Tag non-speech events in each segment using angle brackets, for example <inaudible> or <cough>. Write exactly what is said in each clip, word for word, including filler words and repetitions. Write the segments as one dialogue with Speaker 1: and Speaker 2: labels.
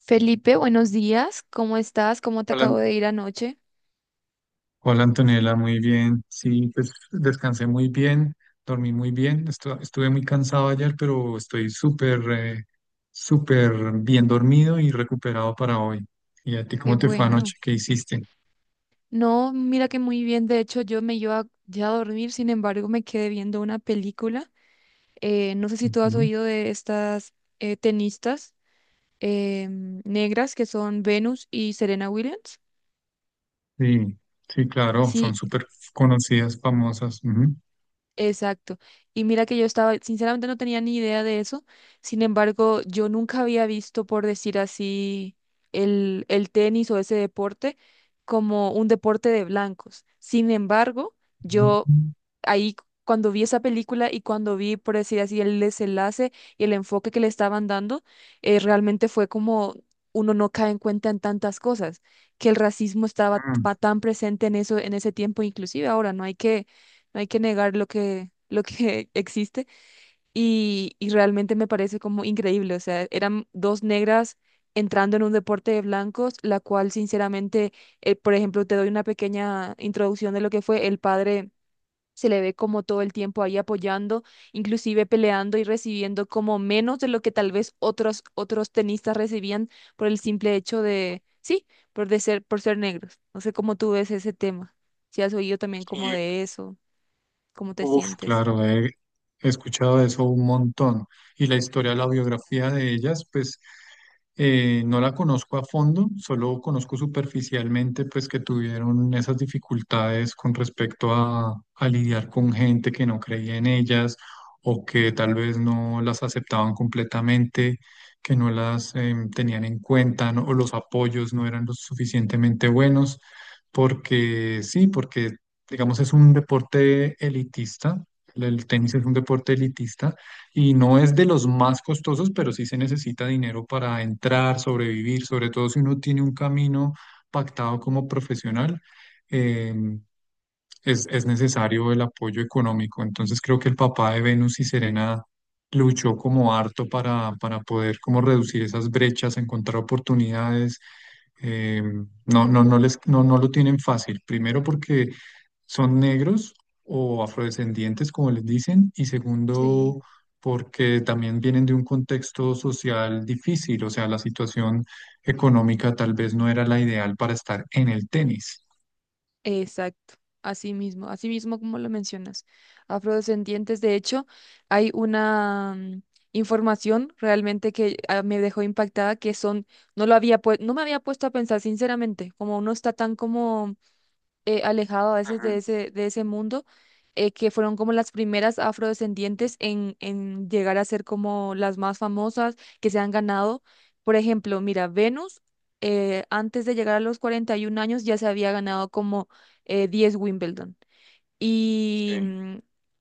Speaker 1: Felipe, buenos días. ¿Cómo estás? ¿Cómo te
Speaker 2: Hola,
Speaker 1: acabo
Speaker 2: An-
Speaker 1: de ir anoche?
Speaker 2: hola Antonella, muy bien. Sí, pues descansé muy bien, dormí muy bien. estu- estuve muy cansado ayer, pero estoy súper, eh, súper bien dormido y recuperado para hoy. ¿Y a ti
Speaker 1: Qué
Speaker 2: cómo te fue
Speaker 1: bueno.
Speaker 2: anoche? ¿Qué hiciste?
Speaker 1: No, mira que muy bien. De hecho, yo me iba ya a dormir, sin embargo, me quedé viendo una película. Eh, no sé si tú has
Speaker 2: Ujú.
Speaker 1: oído de estas eh, tenistas em, negras que son Venus y Serena Williams.
Speaker 2: Sí, sí, claro, son
Speaker 1: Sí,
Speaker 2: súper conocidas, famosas. Ujú.
Speaker 1: exacto. Y mira que yo estaba, sinceramente no tenía ni idea de eso. Sin embargo, yo nunca había visto, por decir así, el, el tenis o ese deporte como un deporte de blancos. Sin embargo, yo
Speaker 2: Ujú.
Speaker 1: ahí cu- cuando vi esa película y cuando vi, por decir así, el desenlace y el enfoque que le estaban dando, eh, realmente fue como uno no cae en cuenta en tantas cosas, que el racismo estaba pa- tan presente en eso, en ese tiempo, inclusive ahora no hay que no hay que negar lo que, lo que <laughs> existe. Y, y realmente me parece como increíble. O sea, eran dos negras entrando en un deporte de blancos, la cual sinceramente, eh, por ejemplo, te doy una pequeña introducción de lo que fue el padre. Se le ve como todo el tiempo ahí apoyando, inclusive peleando y recibiendo como menos de lo que tal vez otros, otros tenistas recibían por el simple hecho de, sí, por de ser, por ser negros. No sé cómo tú ves ese tema, si has oído también como
Speaker 2: Mm,
Speaker 1: de eso cómo te
Speaker 2: Uf,
Speaker 1: sientes.
Speaker 2: claro, he, he escuchado de eso un montón. Y la historia, la biografía de ellas, pues eh, no la conozco a fondo, solo conozco superficialmente, pues que tuvieron esas dificultades con respecto a, a lidiar con gente que no creía en ellas o que tal vez no las aceptaban completamente, que no las em, tenían en cuenta, ¿no? O los apoyos no eran lo suficientemente buenos. Porque sí, porque digamos, es un deporte elitista. El tenis es un deporte elitista y no es de los más costosos, pero sí se necesita dinero para entrar, sobrevivir, sobre todo si uno tiene un camino pactado como profesional, eh, es, es necesario el apoyo económico. Entonces creo que el papá de Venus y Serena luchó como harto para, para poder como reducir esas brechas, encontrar oportunidades eh, no, no, no les, no, no lo tienen fácil. Primero porque son negros o afrodescendientes, como les dicen, y
Speaker 1: Sí,
Speaker 2: segundo porque también vienen de un contexto social difícil, o sea, la situación económica tal vez no era la ideal para estar en el tenis.
Speaker 1: exacto, así mismo, así mismo como lo mencionas. Afrodescendientes, de hecho, hay una mm, información realmente que ah, me dejó impactada que son, no lo había pue- no me había puesto a pensar sinceramente, como uno está tan como eh, alejado a veces de ese, de ese mundo, eh, que fueron como las primeras afrodescendientes en, en llegar a ser como las más famosas que se han ganado. Por ejemplo, mira, Venus, eh, antes de llegar a los cuarenta y uno años ya se había ganado como eh, diez Wimbledon. Y
Speaker 2: Sí,
Speaker 1: mm,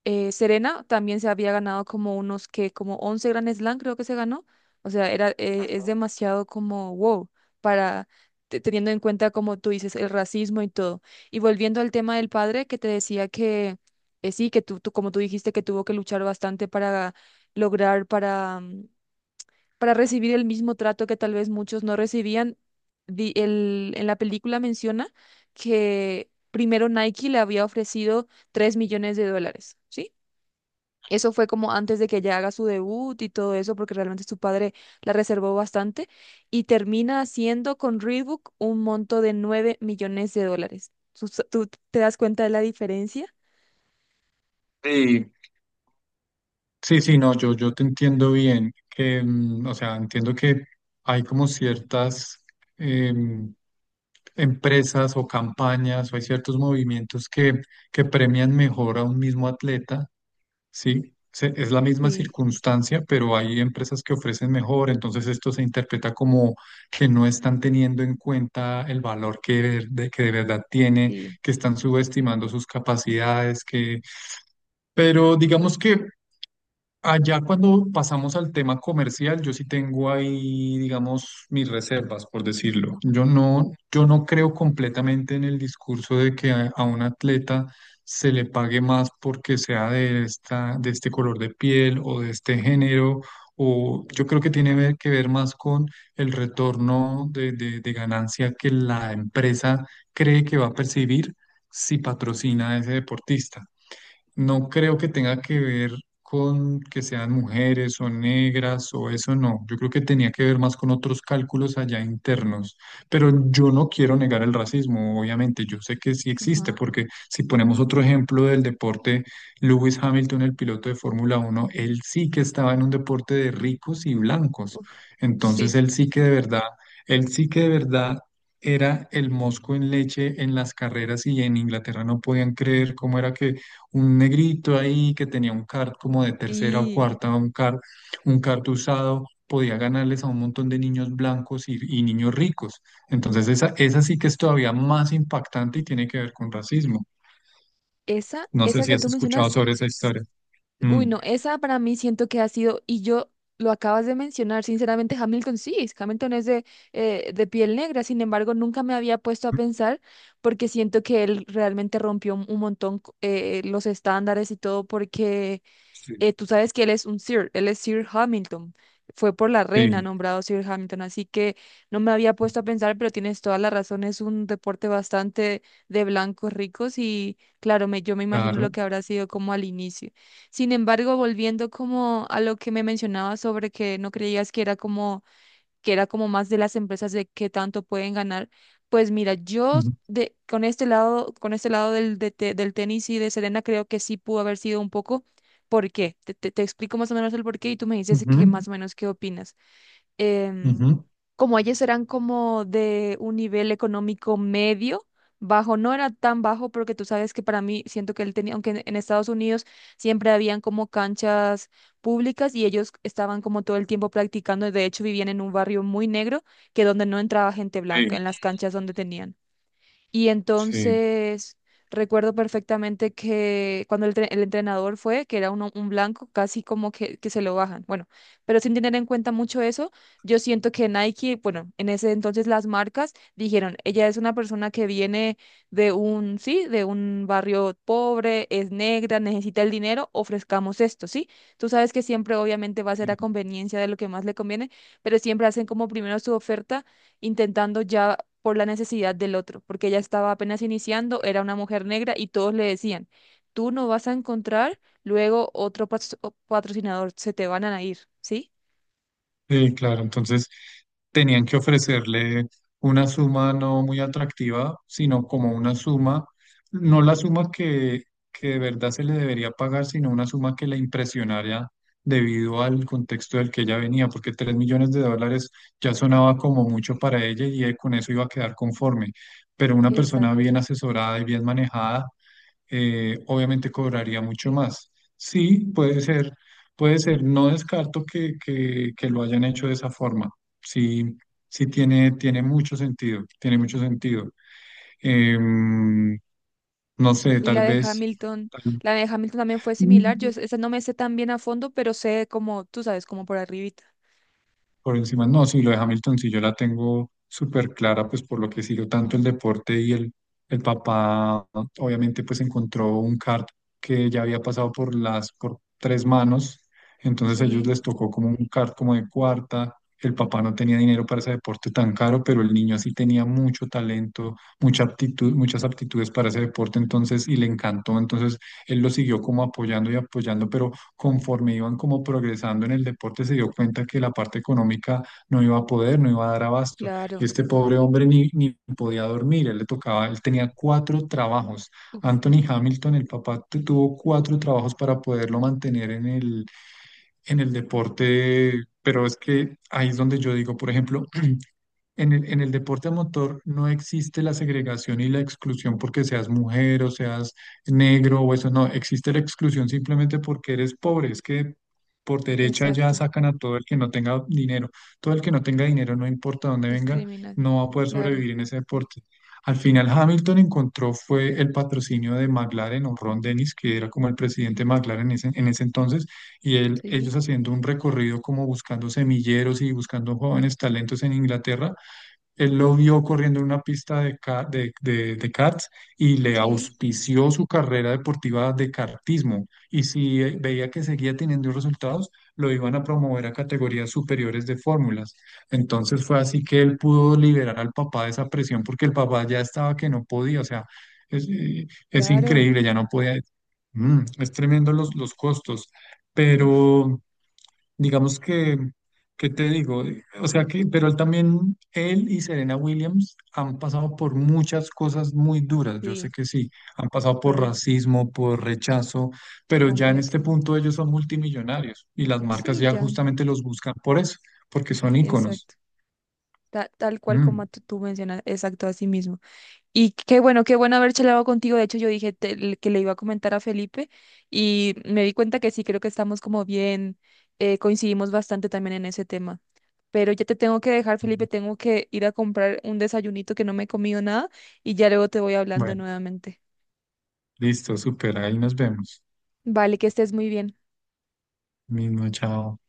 Speaker 1: eh, Serena también se había ganado como unos que, como once Grand Slam creo que se ganó. O sea, era, eh, es demasiado como wow para te- teniendo en cuenta, como tú dices, el racismo y todo. Y volviendo al tema del padre que te decía que eh, sí, que tú, tú, como tú dijiste, que tuvo que luchar bastante para lograr, para mm, para recibir el mismo trato que tal vez muchos no recibían. Di- el- en la película menciona que primero Nike le había ofrecido tres millones de dólares, ¿sí? Eso fue como antes de que ella haga su debut y todo eso, porque realmente su padre la reservó bastante, y termina haciendo con Reebok un monto de nueve millones de dólares. ¿Tú, tú te das cuenta de la diferencia?
Speaker 2: sí, sí, sí, no, yo, yo te entiendo bien, que, mm, o sea, entiendo que hay como ciertas... em, empresas o campañas o hay ciertos movimientos que, que premian mejor a un mismo atleta, ¿sí? Se- es la misma
Speaker 1: Sí,
Speaker 2: circunstancia, pero hay empresas que ofrecen mejor, entonces esto se interpreta como que no están teniendo en cuenta el valor que ver- de, que de verdad tiene,
Speaker 1: sí,
Speaker 2: que están subestimando sus capacidades, que... Pero digamos que allá cuando pasamos al tema comercial, yo sí tengo ahí, digamos, mis reservas, por decirlo. Yo no, yo no creo completamente en el discurso de que a, a un atleta se le pague más porque sea de esta, de este color de piel o de este género, o yo creo que tiene ver- que ver más con el retorno de, de de ganancia que la empresa cree que va a percibir si patrocina a ese deportista. No creo que tenga que ver con que sean mujeres o negras o eso, no. Yo creo que tenía que ver más con otros cálculos allá internos. Pero yo no quiero negar el racismo, obviamente. Yo sé que sí existe,
Speaker 1: ajá.
Speaker 2: porque si ponemos otro ejemplo del deporte, Lewis Hamilton, el piloto de Fórmula Uno, él sí que estaba en un deporte de ricos y blancos.
Speaker 1: Uf,
Speaker 2: Entonces
Speaker 1: sí,
Speaker 2: él sí que de verdad, él sí que de verdad era el mosco en leche en las carreras y en Inglaterra no podían creer cómo era que un negrito ahí que tenía un kart como de tercera o
Speaker 1: sí.
Speaker 2: cuarta, un kart, un kart usado, podía ganarles a un montón de niños blancos y, y niños ricos. Entonces esa, esa sí que es todavía más impactante y tiene que ver con racismo.
Speaker 1: Esa,
Speaker 2: No sé
Speaker 1: esa
Speaker 2: si
Speaker 1: que
Speaker 2: has
Speaker 1: tú
Speaker 2: escuchado
Speaker 1: mencionas.
Speaker 2: sobre esa historia.
Speaker 1: Uy,
Speaker 2: Mm.
Speaker 1: no, esa para mí siento que ha sido, y yo lo acabas de mencionar, sinceramente, Hamilton sí, es- Hamilton es de, eh, de piel negra, sin embargo, nunca me había puesto a pensar porque siento que él realmente rompió un un montón co- eh, los estándares y todo porque
Speaker 2: Sí,
Speaker 1: eh, tú sabes que él es un Sir, él es Sir Hamilton. Fue por la reina
Speaker 2: sí,
Speaker 1: nombrado Sir Hamilton, así que no me había puesto a pensar, pero tienes toda la razón, es un deporte bastante de blancos ricos y claro, me, yo me imagino lo
Speaker 2: claro.
Speaker 1: que habrá sido como al inicio. Sin embargo, volviendo como a lo que me mencionabas sobre que no creías que era como que era como más de las empresas de qué tanto pueden ganar. Pues mira, yo
Speaker 2: Ujú,
Speaker 1: de, con este lado, con este lado del, de te- del tenis y de Serena creo que sí pudo haber sido un poco. ¿Por qué? Te, te, te explico más o menos el por qué y tú me dices que
Speaker 2: ujú,
Speaker 1: más o menos qué opinas. em,
Speaker 2: ujú.
Speaker 1: Como ellos eran como de un nivel económico medio, bajo, no era tan bajo porque tú sabes que para mí siento que él tenía, aunque en, en Estados Unidos siempre habían como canchas públicas y ellos estaban como todo el tiempo practicando, de hecho vivían en un barrio muy negro que donde no entraba gente
Speaker 2: Sí,
Speaker 1: blanca, en las canchas donde tenían. Y
Speaker 2: sí.
Speaker 1: entonces recuerdo perfectamente que cuando el, tre- el entrenador fue, que era uno- un blanco, casi como que, que se lo bajan. Bueno, pero sin tener en cuenta mucho eso, yo siento que Nike, bueno, en ese entonces las marcas dijeron, ella es una persona que viene de un, sí, de un barrio pobre, es negra, necesita el dinero, ofrezcamos esto, ¿sí? Tú sabes que siempre obviamente va a ser a conveniencia de lo que más le conviene, pero siempre hacen como primero su oferta intentando ya por la necesidad del otro, porque ella estaba apenas iniciando, era una mujer negra y todos le decían, tú no vas a encontrar luego otro pas- o- patrocinador, se te van a ir, ¿sí?
Speaker 2: Sí, claro, entonces tenían que ofrecerle una suma no muy atractiva, sino como una suma, no la suma que, que de verdad se le debería pagar, sino una suma que la impresionara debido al contexto del que ella venía, porque tres millones de dólares ya sonaba como mucho para ella y eh, con eso iba a quedar conforme. Pero una persona
Speaker 1: Exacto.
Speaker 2: bien asesorada y bien manejada eh, obviamente cobraría mucho más. Sí, puede ser, puede ser, no descarto que, que, que lo hayan hecho de esa forma. Sí, sí tiene, tiene mucho sentido, tiene mucho sentido. Em, no sé,
Speaker 1: Y la
Speaker 2: tal
Speaker 1: de
Speaker 2: vez,
Speaker 1: Hamilton, la de Hamilton también fue similar, yo
Speaker 2: tal-
Speaker 1: es- esa no me sé tan bien a fondo, pero sé como, tú sabes, como por arribita.
Speaker 2: Por encima, no, sí, lo de Hamilton sí yo la tengo súper clara, pues por lo que sigo tanto el deporte y el, el papá, obviamente, pues encontró un kart que ya había pasado por las, por tres manos, entonces a ellos
Speaker 1: Sí,
Speaker 2: les tocó como un kart como de cuarta. El papá no tenía dinero para ese deporte tan caro, pero el niño sí tenía mucho talento, mucha aptitud, muchas aptitudes para ese deporte, entonces, y le encantó. Entonces él lo siguió como apoyando y apoyando, pero conforme iban como progresando en el deporte, se dio cuenta que la parte económica no iba a poder, no iba a dar abasto. Y
Speaker 1: claro.
Speaker 2: este pobre hombre ni, ni podía dormir, él le tocaba, él tenía cuatro trabajos.
Speaker 1: Uf,
Speaker 2: Anthony Hamilton, el papá, tu- tuvo cuatro trabajos para poderlo mantener en el, en el deporte. Pero es que ahí es donde yo digo, por ejemplo, en el, en el deporte a motor no existe la segregación y la exclusión porque seas mujer o seas negro o eso, no, existe la exclusión simplemente porque eres pobre, es que por derecha ya
Speaker 1: exacto.
Speaker 2: sacan a todo el que no tenga dinero, todo el que no tenga dinero, no importa dónde venga,
Speaker 1: Discriminar.
Speaker 2: no va a poder
Speaker 1: Claro,
Speaker 2: sobrevivir en ese deporte. Al final Hamilton encontró fue el patrocinio de McLaren o Ron Dennis, que era como el presidente de McLaren en ese, en ese entonces, y él,
Speaker 1: sí,
Speaker 2: ellos haciendo un recorrido como buscando semilleros y buscando jóvenes talentos en Inglaterra, él lo vio corriendo en una pista de, ca- de, de, de karts y le
Speaker 1: sí,
Speaker 2: auspició su carrera deportiva de kartismo. Y si eh, veía que seguía teniendo resultados, lo iban a promover a categorías superiores de fórmulas. Entonces fue
Speaker 1: uf,
Speaker 2: así que él pudo liberar al papá de esa presión porque el papá ya estaba que no podía. O sea, es, eh, es
Speaker 1: claro,
Speaker 2: increíble, ya no podía. Mm, es tremendo los, los costos,
Speaker 1: uf,
Speaker 2: pero... Digamos que, ¿qué te digo? Eh, O sea que, pero él también, él y Serena Williams han pasado por muchas cosas muy duras, yo sé
Speaker 1: sí,
Speaker 2: que sí, han pasado por
Speaker 1: pero
Speaker 2: racismo, por rechazo, pero ya en este
Speaker 1: completamente.
Speaker 2: punto ellos son multimillonarios y las marcas
Speaker 1: Sí,
Speaker 2: ya
Speaker 1: ya,
Speaker 2: justamente los buscan por eso, porque son íconos.
Speaker 1: exacto. Ta- tal cual
Speaker 2: Mm.
Speaker 1: como tú tú mencionas, exacto, así mismo. Y qué bueno, qué bueno haber charlado contigo. De hecho, yo dije te- le- que le iba a comentar a Felipe y me di cuenta que sí, creo que estamos como bien, eh, coincidimos bastante también en ese tema. Pero ya te tengo que dejar, Felipe, tengo que ir a comprar un desayunito que no me he comido nada y ya luego te voy hablando
Speaker 2: Bueno,
Speaker 1: nuevamente.
Speaker 2: listo, súper, ahí nos vemos.
Speaker 1: Vale, que estés muy bien.
Speaker 2: Mismo, chao.